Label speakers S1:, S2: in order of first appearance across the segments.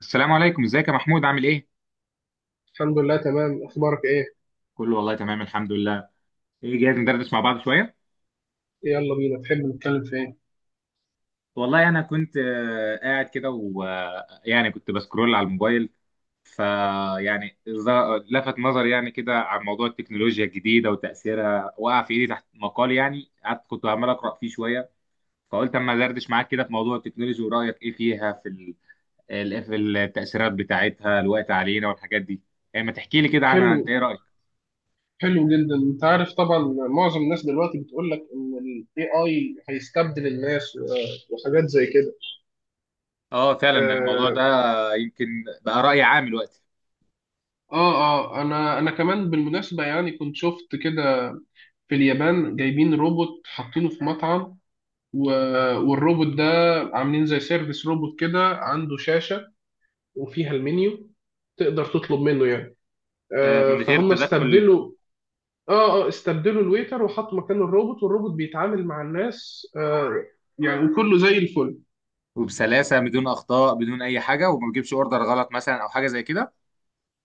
S1: السلام عليكم، ازيك يا محمود؟ عامل ايه؟
S2: الحمد لله تمام. اخبارك ايه؟
S1: كله والله تمام، الحمد لله. ايه، جاهز ندردش مع بعض شوية؟
S2: يلا بينا. تحب نتكلم في ايه؟
S1: والله انا كنت قاعد كده، ويعني كنت بسكرول على الموبايل. فيعني لفت نظري يعني كده عن موضوع التكنولوجيا الجديدة وتأثيرها. وقع في ايدي تحت مقال، يعني قعدت كنت عمال أقرأ فيه شوية. فقلت اما ادردش معاك كده في موضوع التكنولوجيا ورأيك ايه فيها في في التأثيرات بتاعتها الوقت علينا والحاجات دي. يعني ما تحكي لي كده عنها،
S2: حلو،
S1: انت ايه رأيك؟
S2: حلو جدا. انت عارف طبعا، معظم الناس دلوقتي بتقول لك ان الاي اي هيستبدل الناس و- وحاجات زي كده.
S1: اه فعلا، الموضوع ده
S2: اه
S1: يمكن بقى رأي عام دلوقتي.
S2: اه، انا كمان بالمناسبة، يعني كنت شفت كده في اليابان جايبين روبوت حاطينه في مطعم، و- والروبوت ده عاملين زي سيرفيس روبوت كده، عنده شاشة وفيها المنيو، تقدر تطلب منه يعني.
S1: من غير
S2: فهم
S1: تدخل.
S2: استبدلوا. اه اه، استبدلوا الويتر وحطوا مكانه الروبوت، والروبوت بيتعامل مع الناس، يعني وكله زي الفل.
S1: وبسلاسة، بدون أخطاء، بدون أي حاجة، وما بجيبش أوردر غلط مثلا أو حاجة زي كده.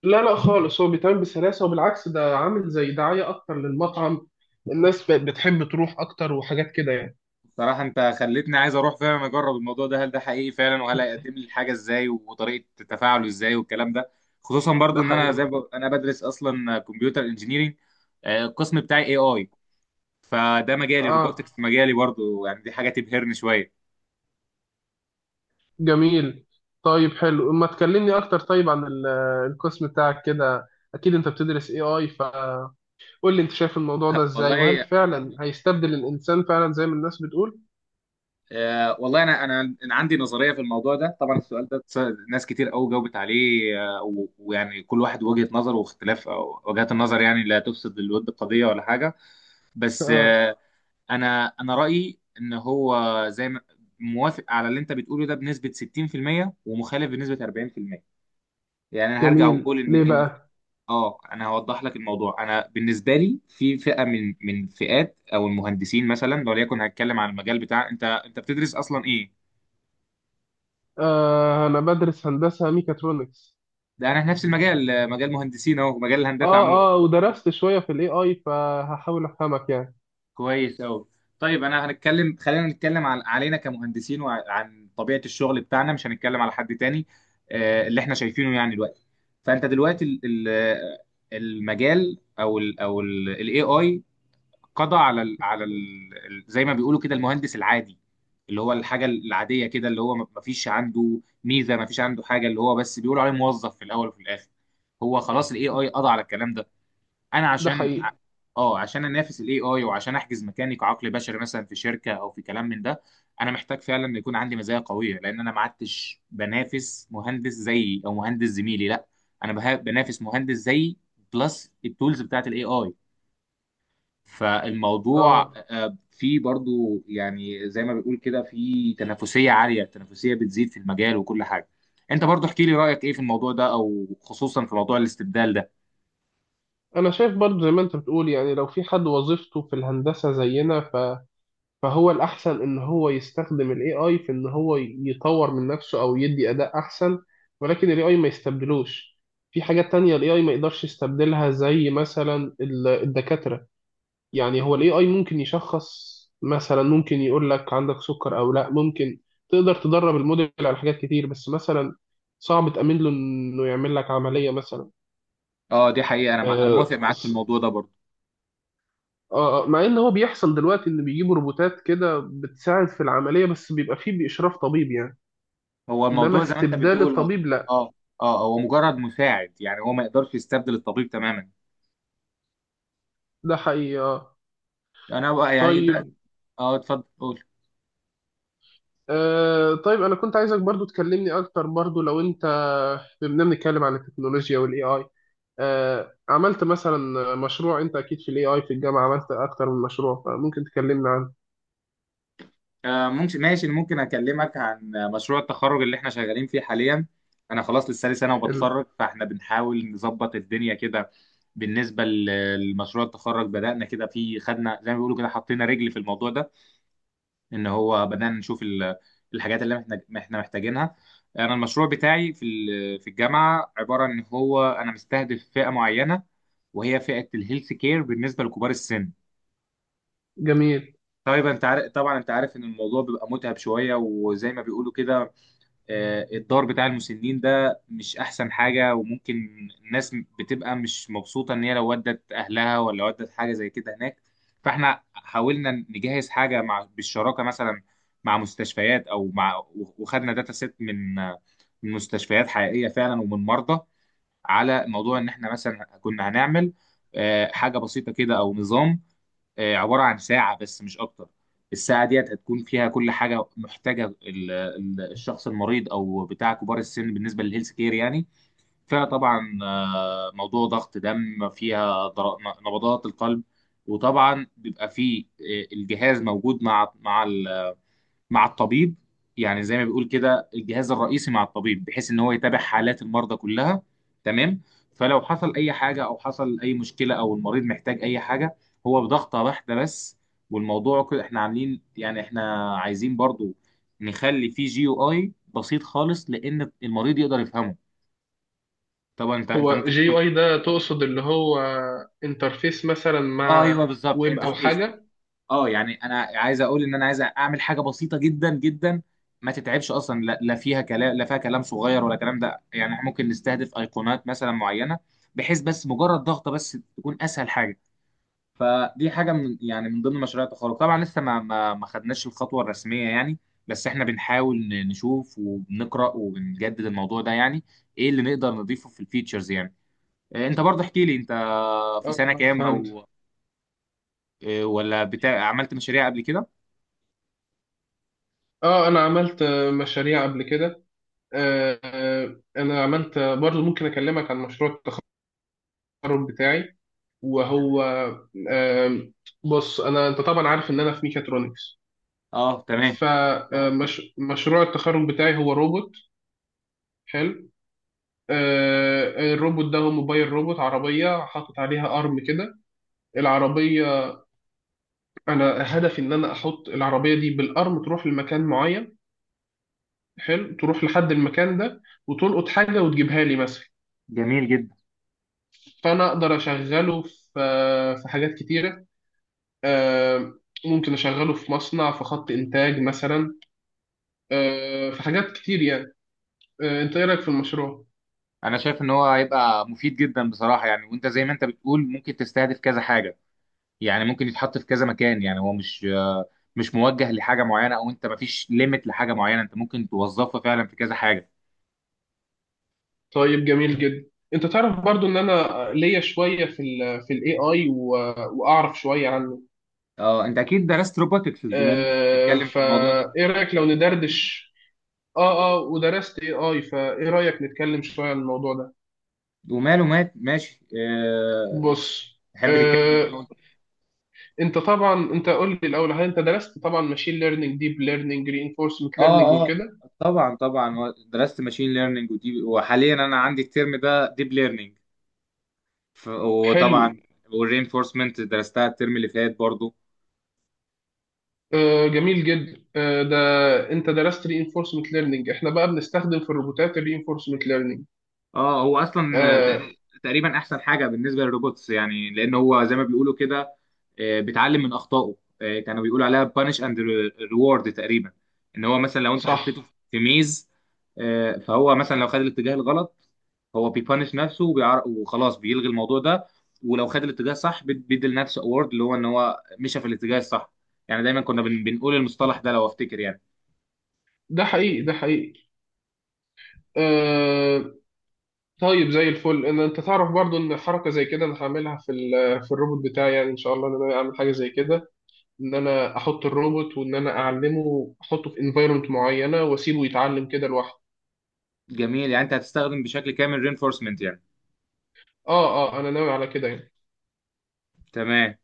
S2: لا لا، خالص، هو بيتعامل بسلاسة، وبالعكس ده عامل زي دعاية أكتر للمطعم. الناس بقت بتحب تروح أكتر وحاجات كده يعني.
S1: بصراحة أنت خلتني عايز أروح فعلا أجرب الموضوع ده، هل ده حقيقي فعلا؟ وهل هيقدم لي الحاجة إزاي، وطريقة تفاعله إزاي، والكلام ده. خصوصا برضو
S2: ده
S1: إن أنا زي
S2: حقيقي.
S1: أنا بدرس أصلا كمبيوتر انجينيرينج. القسم بتاعي اي اي. فده مجالي،
S2: اه.
S1: روبوتكس مجالي برضو، يعني دي حاجة تبهرني شوية.
S2: جميل. طيب حلو، ما تكلمني أكتر طيب عن القسم بتاعك كده. أكيد أنت بتدرس AI، فقول لي أنت شايف الموضوع ده إزاي، وهل
S1: والله.
S2: فعلا هيستبدل الإنسان فعلا زي ما الناس بتقول؟
S1: والله انا انا أنا عندي نظريه في الموضوع ده. طبعا السؤال ده ناس كتير قوي جاوبت عليه، ويعني كل واحد وجهه نظر، واختلاف أو وجهات النظر يعني لا تفسد للود قضيه ولا حاجه. بس
S2: اه.
S1: آه. انا رايي ان هو، زي ما موافق على اللي انت بتقوله ده بنسبه 60% ومخالف بنسبه 40%. يعني انا هرجع
S2: جميل،
S1: واقول ان
S2: ليه
S1: في.
S2: بقى؟
S1: اه، انا هوضح لك الموضوع. انا بالنسبه لي في فئه من فئات او المهندسين، مثلا لو ليكن هتكلم عن المجال بتاع، انت بتدرس اصلا ايه؟
S2: آه، انا بدرس هندسة ميكاترونكس.
S1: ده انا في نفس المجال، مجال مهندسين، اهو مجال الهندسه عموما.
S2: اه اه، ودرست شوية في الاي اي، فهحاول افهمك يعني.
S1: كويس قوي. طيب انا هنتكلم خلينا نتكلم عن علينا كمهندسين وعن طبيعه الشغل بتاعنا، مش هنتكلم على حد تاني. اللي احنا شايفينه يعني دلوقتي. فانت دلوقتي المجال او ال الاي اي قضى على ال، على ال زي ما بيقولوا كده المهندس العادي. اللي هو الحاجه العاديه كده، اللي هو ما فيش عنده ميزه، ما فيش عنده حاجه، اللي هو بس بيقولوا عليه موظف في الاول وفي الاخر. هو خلاص الاي اي قضى على الكلام ده. انا
S2: ده
S1: عشان،
S2: حقيقي.
S1: اه، عشان انافس الاي اي وعشان احجز مكاني كعقل بشري مثلا في شركه او في كلام من ده، انا محتاج فعلا إن يكون عندي مزايا قويه، لان انا ما عدتش بنافس مهندس زيي او مهندس زميلي، لا. انا بنافس مهندس زيي بلس التولز بتاعت الاي اي. فالموضوع
S2: اه.
S1: فيه برضو يعني زي ما بيقول كده في تنافسيه عاليه، التنافسيه بتزيد في المجال وكل حاجه. انت برضو احكي لي رايك ايه في الموضوع ده، او خصوصا في موضوع الاستبدال ده.
S2: انا شايف برضو زي ما انت بتقول، يعني لو في حد وظيفته في الهندسة زينا فهو الاحسن ان هو يستخدم الاي اي في ان هو يطور من نفسه او يدي اداء احسن، ولكن الاي اي ما يستبدلوش. في حاجات تانية الاي اي ما يقدرش يستبدلها، زي مثلا الدكاترة. يعني هو الاي اي ممكن يشخص مثلا، ممكن يقول لك عندك سكر او لا، ممكن تقدر تدرب الموديل على حاجات كتير، بس مثلا صعب تأمن له انه يعمل لك عملية مثلا.
S1: اه، دي حقيقه، انا انا موافق
S2: آه
S1: معاك في
S2: ص-
S1: الموضوع ده برضو.
S2: مع ان هو بيحصل دلوقتي ان بيجيبوا روبوتات كده بتساعد في العملية، بس بيبقى فيه بإشراف طبيب يعني.
S1: هو
S2: انما
S1: الموضوع زي ما انت
S2: استبدال
S1: بتقول، اه.
S2: الطبيب لا.
S1: اه، هو مجرد مساعد، يعني هو ما يقدرش يستبدل الطبيب تماما.
S2: ده حقيقي.
S1: انا بقى يعني ده،
S2: طيب.
S1: اه اتفضل قول.
S2: طيب انا كنت عايزك برضو تكلمني اكتر، برضو لو انت بما إننا بنتكلم عن التكنولوجيا والاي اي، عملت مثلا مشروع، انت اكيد في الاي اي في الجامعه عملت اكتر من مشروع، فممكن تكلمنا عنه.
S1: آه ممكن، ماشي، ممكن اكلمك عن مشروع التخرج اللي احنا شغالين فيه حاليا. انا خلاص لسه لي سنه
S2: حلو.
S1: وبتخرج، فاحنا بنحاول نظبط الدنيا كده. بالنسبه لمشروع التخرج، بدانا كده فيه، خدنا زي ما بيقولوا كده، حطينا رجل في الموضوع ده. ان هو بدانا نشوف الحاجات اللي احنا محتاجينها. انا المشروع بتاعي في ال، في الجامعه، عباره ان هو انا مستهدف فئه معينه، وهي فئه الهيلث كير بالنسبه لكبار السن.
S2: جميل.
S1: طيب انت عارف طبعا، انت عارف ان الموضوع بيبقى متعب شويه، وزي ما بيقولوا كده، الدار بتاع المسنين ده مش احسن حاجة، وممكن الناس بتبقى مش مبسوطة ان هي لو ودت اهلها ولا ودت حاجة زي كده هناك. فاحنا حاولنا نجهز حاجة بالشراكة مثلا مع مستشفيات او مع، وخدنا داتا سيت من، من مستشفيات حقيقية فعلا ومن مرضى. على موضوع ان احنا مثلا كنا هنعمل حاجة بسيطة كده، او نظام، عبارة عن ساعة بس مش أكتر. الساعة ديت هتكون فيها كل حاجة محتاجة الشخص المريض أو بتاع كبار السن بالنسبة للهيلث كير يعني. فيها طبعا موضوع ضغط دم، فيها نبضات القلب. وطبعا بيبقى فيه الجهاز موجود مع، مع الطبيب، يعني زي ما بيقول كده الجهاز الرئيسي مع الطبيب، بحيث ان هو يتابع حالات المرضى كلها. تمام. فلو حصل اي حاجه او حصل اي مشكله او المريض محتاج اي حاجه، هو بضغطه واحده بس. والموضوع كده احنا عاملين، يعني احنا عايزين برضو نخلي فيه جي يو اي بسيط خالص، لان المريض يقدر يفهمه. طبعا انت
S2: هو
S1: ممكن
S2: جي
S1: تكون.
S2: يو اي ده تقصد اللي هو انترفيس مثلا
S1: اه ايوه
S2: مع
S1: بالظبط
S2: ويب او
S1: انترفيس.
S2: حاجه؟
S1: اه يعني انا عايز اقول ان انا عايز اعمل حاجه بسيطه جدا جدا، ما تتعبش اصلا. لا لا فيها كلام، لا فيها كلام صغير ولا كلام ده، يعني إحنا ممكن نستهدف ايقونات مثلا معينه، بحيث بس مجرد ضغطه بس تكون اسهل حاجه. فدي حاجه من يعني من ضمن مشاريع التخرج. طبعا لسه ما خدناش الخطوه الرسميه يعني، بس احنا بنحاول نشوف وبنقرا وبنجدد الموضوع ده يعني، ايه اللي نقدر نضيفه في الفيتشرز يعني. انت برضه احكي لي، انت في
S2: اه.
S1: سنه كام
S2: فهمت.
S1: او، ولا بتاع عملت مشاريع قبل كده؟
S2: اه، انا عملت مشاريع قبل كده. انا عملت برضو ممكن اكلمك عن مشروع التخرج بتاعي. وهو آه، بص، انا، انت طبعا عارف ان انا في ميكاترونكس.
S1: اه تمام،
S2: اه. فمشروع التخرج بتاعي هو روبوت. حلو. الروبوت ده هو موبايل روبوت، عربية حاطط عليها أرم كده. العربية، أنا هدفي إن أنا أحط العربية دي بالأرم تروح لمكان معين. حلو، تروح لحد المكان ده وتلقط حاجة وتجيبها لي مثلا.
S1: جميل جدا.
S2: فأنا أقدر أشغله في في حاجات كتيرة، آه، ممكن أشغله في مصنع في خط إنتاج مثلا، في حاجات كتير يعني. أنت إيه رأيك في المشروع؟
S1: انا شايف ان هو هيبقى مفيد جدا بصراحه، يعني وانت زي ما انت بتقول ممكن تستهدف كذا حاجه. يعني ممكن يتحط في كذا مكان، يعني هو مش، مش موجه لحاجه معينه، او انت مفيش ليميت لحاجه معينه، انت ممكن توظفه فعلا في كذا حاجه.
S2: طيب جميل جدا. انت تعرف برضو ان انا ليا شويه في ال في الاي اي واعرف شويه عن
S1: اه انت اكيد درست روبوتكس بما انك بتتكلم في الموضوع ده.
S2: فايه رايك لو ندردش. اه اه، ودرست اي اي، فايه رايك نتكلم شويه عن الموضوع ده؟
S1: وماله، مات ماشي آه،
S2: بص.
S1: تحب تتكلم عن ايه
S2: آه،
S1: أول؟
S2: انت طبعا، انت قول لي الاول هل انت درست طبعا ماشين ليرنينج، ديب ليرنينج، رينفورسمنت ليرنينج
S1: اه اه،
S2: وكده.
S1: طبعا طبعا درست ماشين ليرنينج ودي، وحاليا انا عندي الترم ده ديب ليرنينج.
S2: حلو.
S1: وطبعا والرينفورسمنت درستها الترم اللي فات برضو.
S2: جميل جدا. ده انت درست رينفورسمنت ليرنينج، احنا بقى بنستخدم في الروبوتات الرينفورسمنت ليرنينج.
S1: اه هو اصلا
S2: آه،
S1: تقريبا احسن حاجه بالنسبه للروبوتس يعني، لان هو زي ما بيقولوا كده بيتعلم من اخطائه. كانوا بيقولوا عليها بانش اند ريورد تقريبا. ان هو مثلا لو انت
S2: صح.
S1: حطيته في ميز، فهو مثلا لو خد الاتجاه الغلط، هو بيبانش نفسه وخلاص بيلغي الموضوع ده. ولو خد الاتجاه الصح بيدي لنفسه اوورد، اللي هو ان هو مشى في الاتجاه الصح. يعني دايما كنا بنقول المصطلح ده لو افتكر يعني.
S2: ده حقيقي، ده حقيقي. آه، طيب زي الفل ان انت تعرف برضو ان حركه زي كده انا هعملها في الروبوت بتاعي، يعني ان شاء الله ان انا اعمل حاجه زي كده، ان انا احط الروبوت، وان انا اعلمه، احطه في انفايرمنت معينه واسيبه يتعلم كده لوحده.
S1: جميل، يعني انت هتستخدم بشكل كامل رينفورسمنت يعني.
S2: اه اه، انا ناوي على كده يعني.
S1: تمام.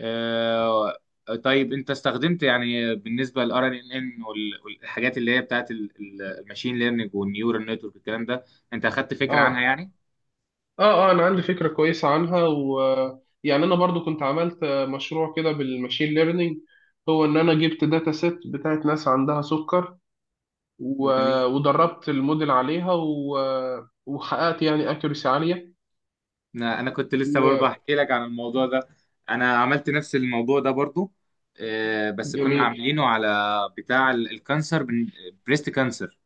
S1: آه طيب انت استخدمت يعني، بالنسبه للار ان ان، والحاجات اللي هي بتاعت الماشين ليرنينج والنيورال نتورك الكلام ده، انت اخدت فكره عنها
S2: اه
S1: يعني.
S2: اه اه، انا عندي فكره كويسه عنها يعني انا برضو كنت عملت مشروع كده بالماشين ليرنينج، هو ان انا جبت داتا سيت بتاعت ناس عندها سكر و...
S1: جميل.
S2: ودربت الموديل عليها و... وحققت يعني اكيورسي عاليه.
S1: انا كنت لسه برضه احكي لك عن الموضوع ده، انا عملت نفس الموضوع ده برضه. آه بس كنا
S2: جميل.
S1: عاملينه على بتاع الكانسر، بريست كانسر.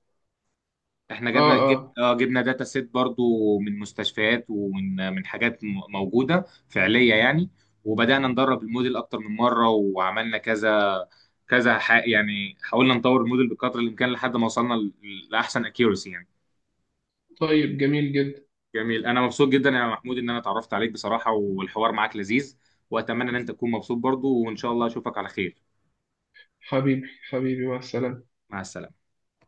S1: احنا
S2: اه اه.
S1: جبنا داتا سيت برضو من مستشفيات ومن حاجات موجوده فعليه يعني. وبدانا ندرب الموديل اكتر من مره، وعملنا كذا يعني حاولنا نطور الموديل بقدر الامكان لحد ما وصلنا لاحسن اكيورسي يعني.
S2: طيب جميل جدا.
S1: جميل، انا مبسوط جدا يا محمود ان انا اتعرفت عليك بصراحه، والحوار معاك لذيذ. واتمنى ان انت تكون مبسوط برضو، وان شاء الله اشوفك على خير.
S2: حبيبي حبيبي، مع السلامة.
S1: مع السلامه.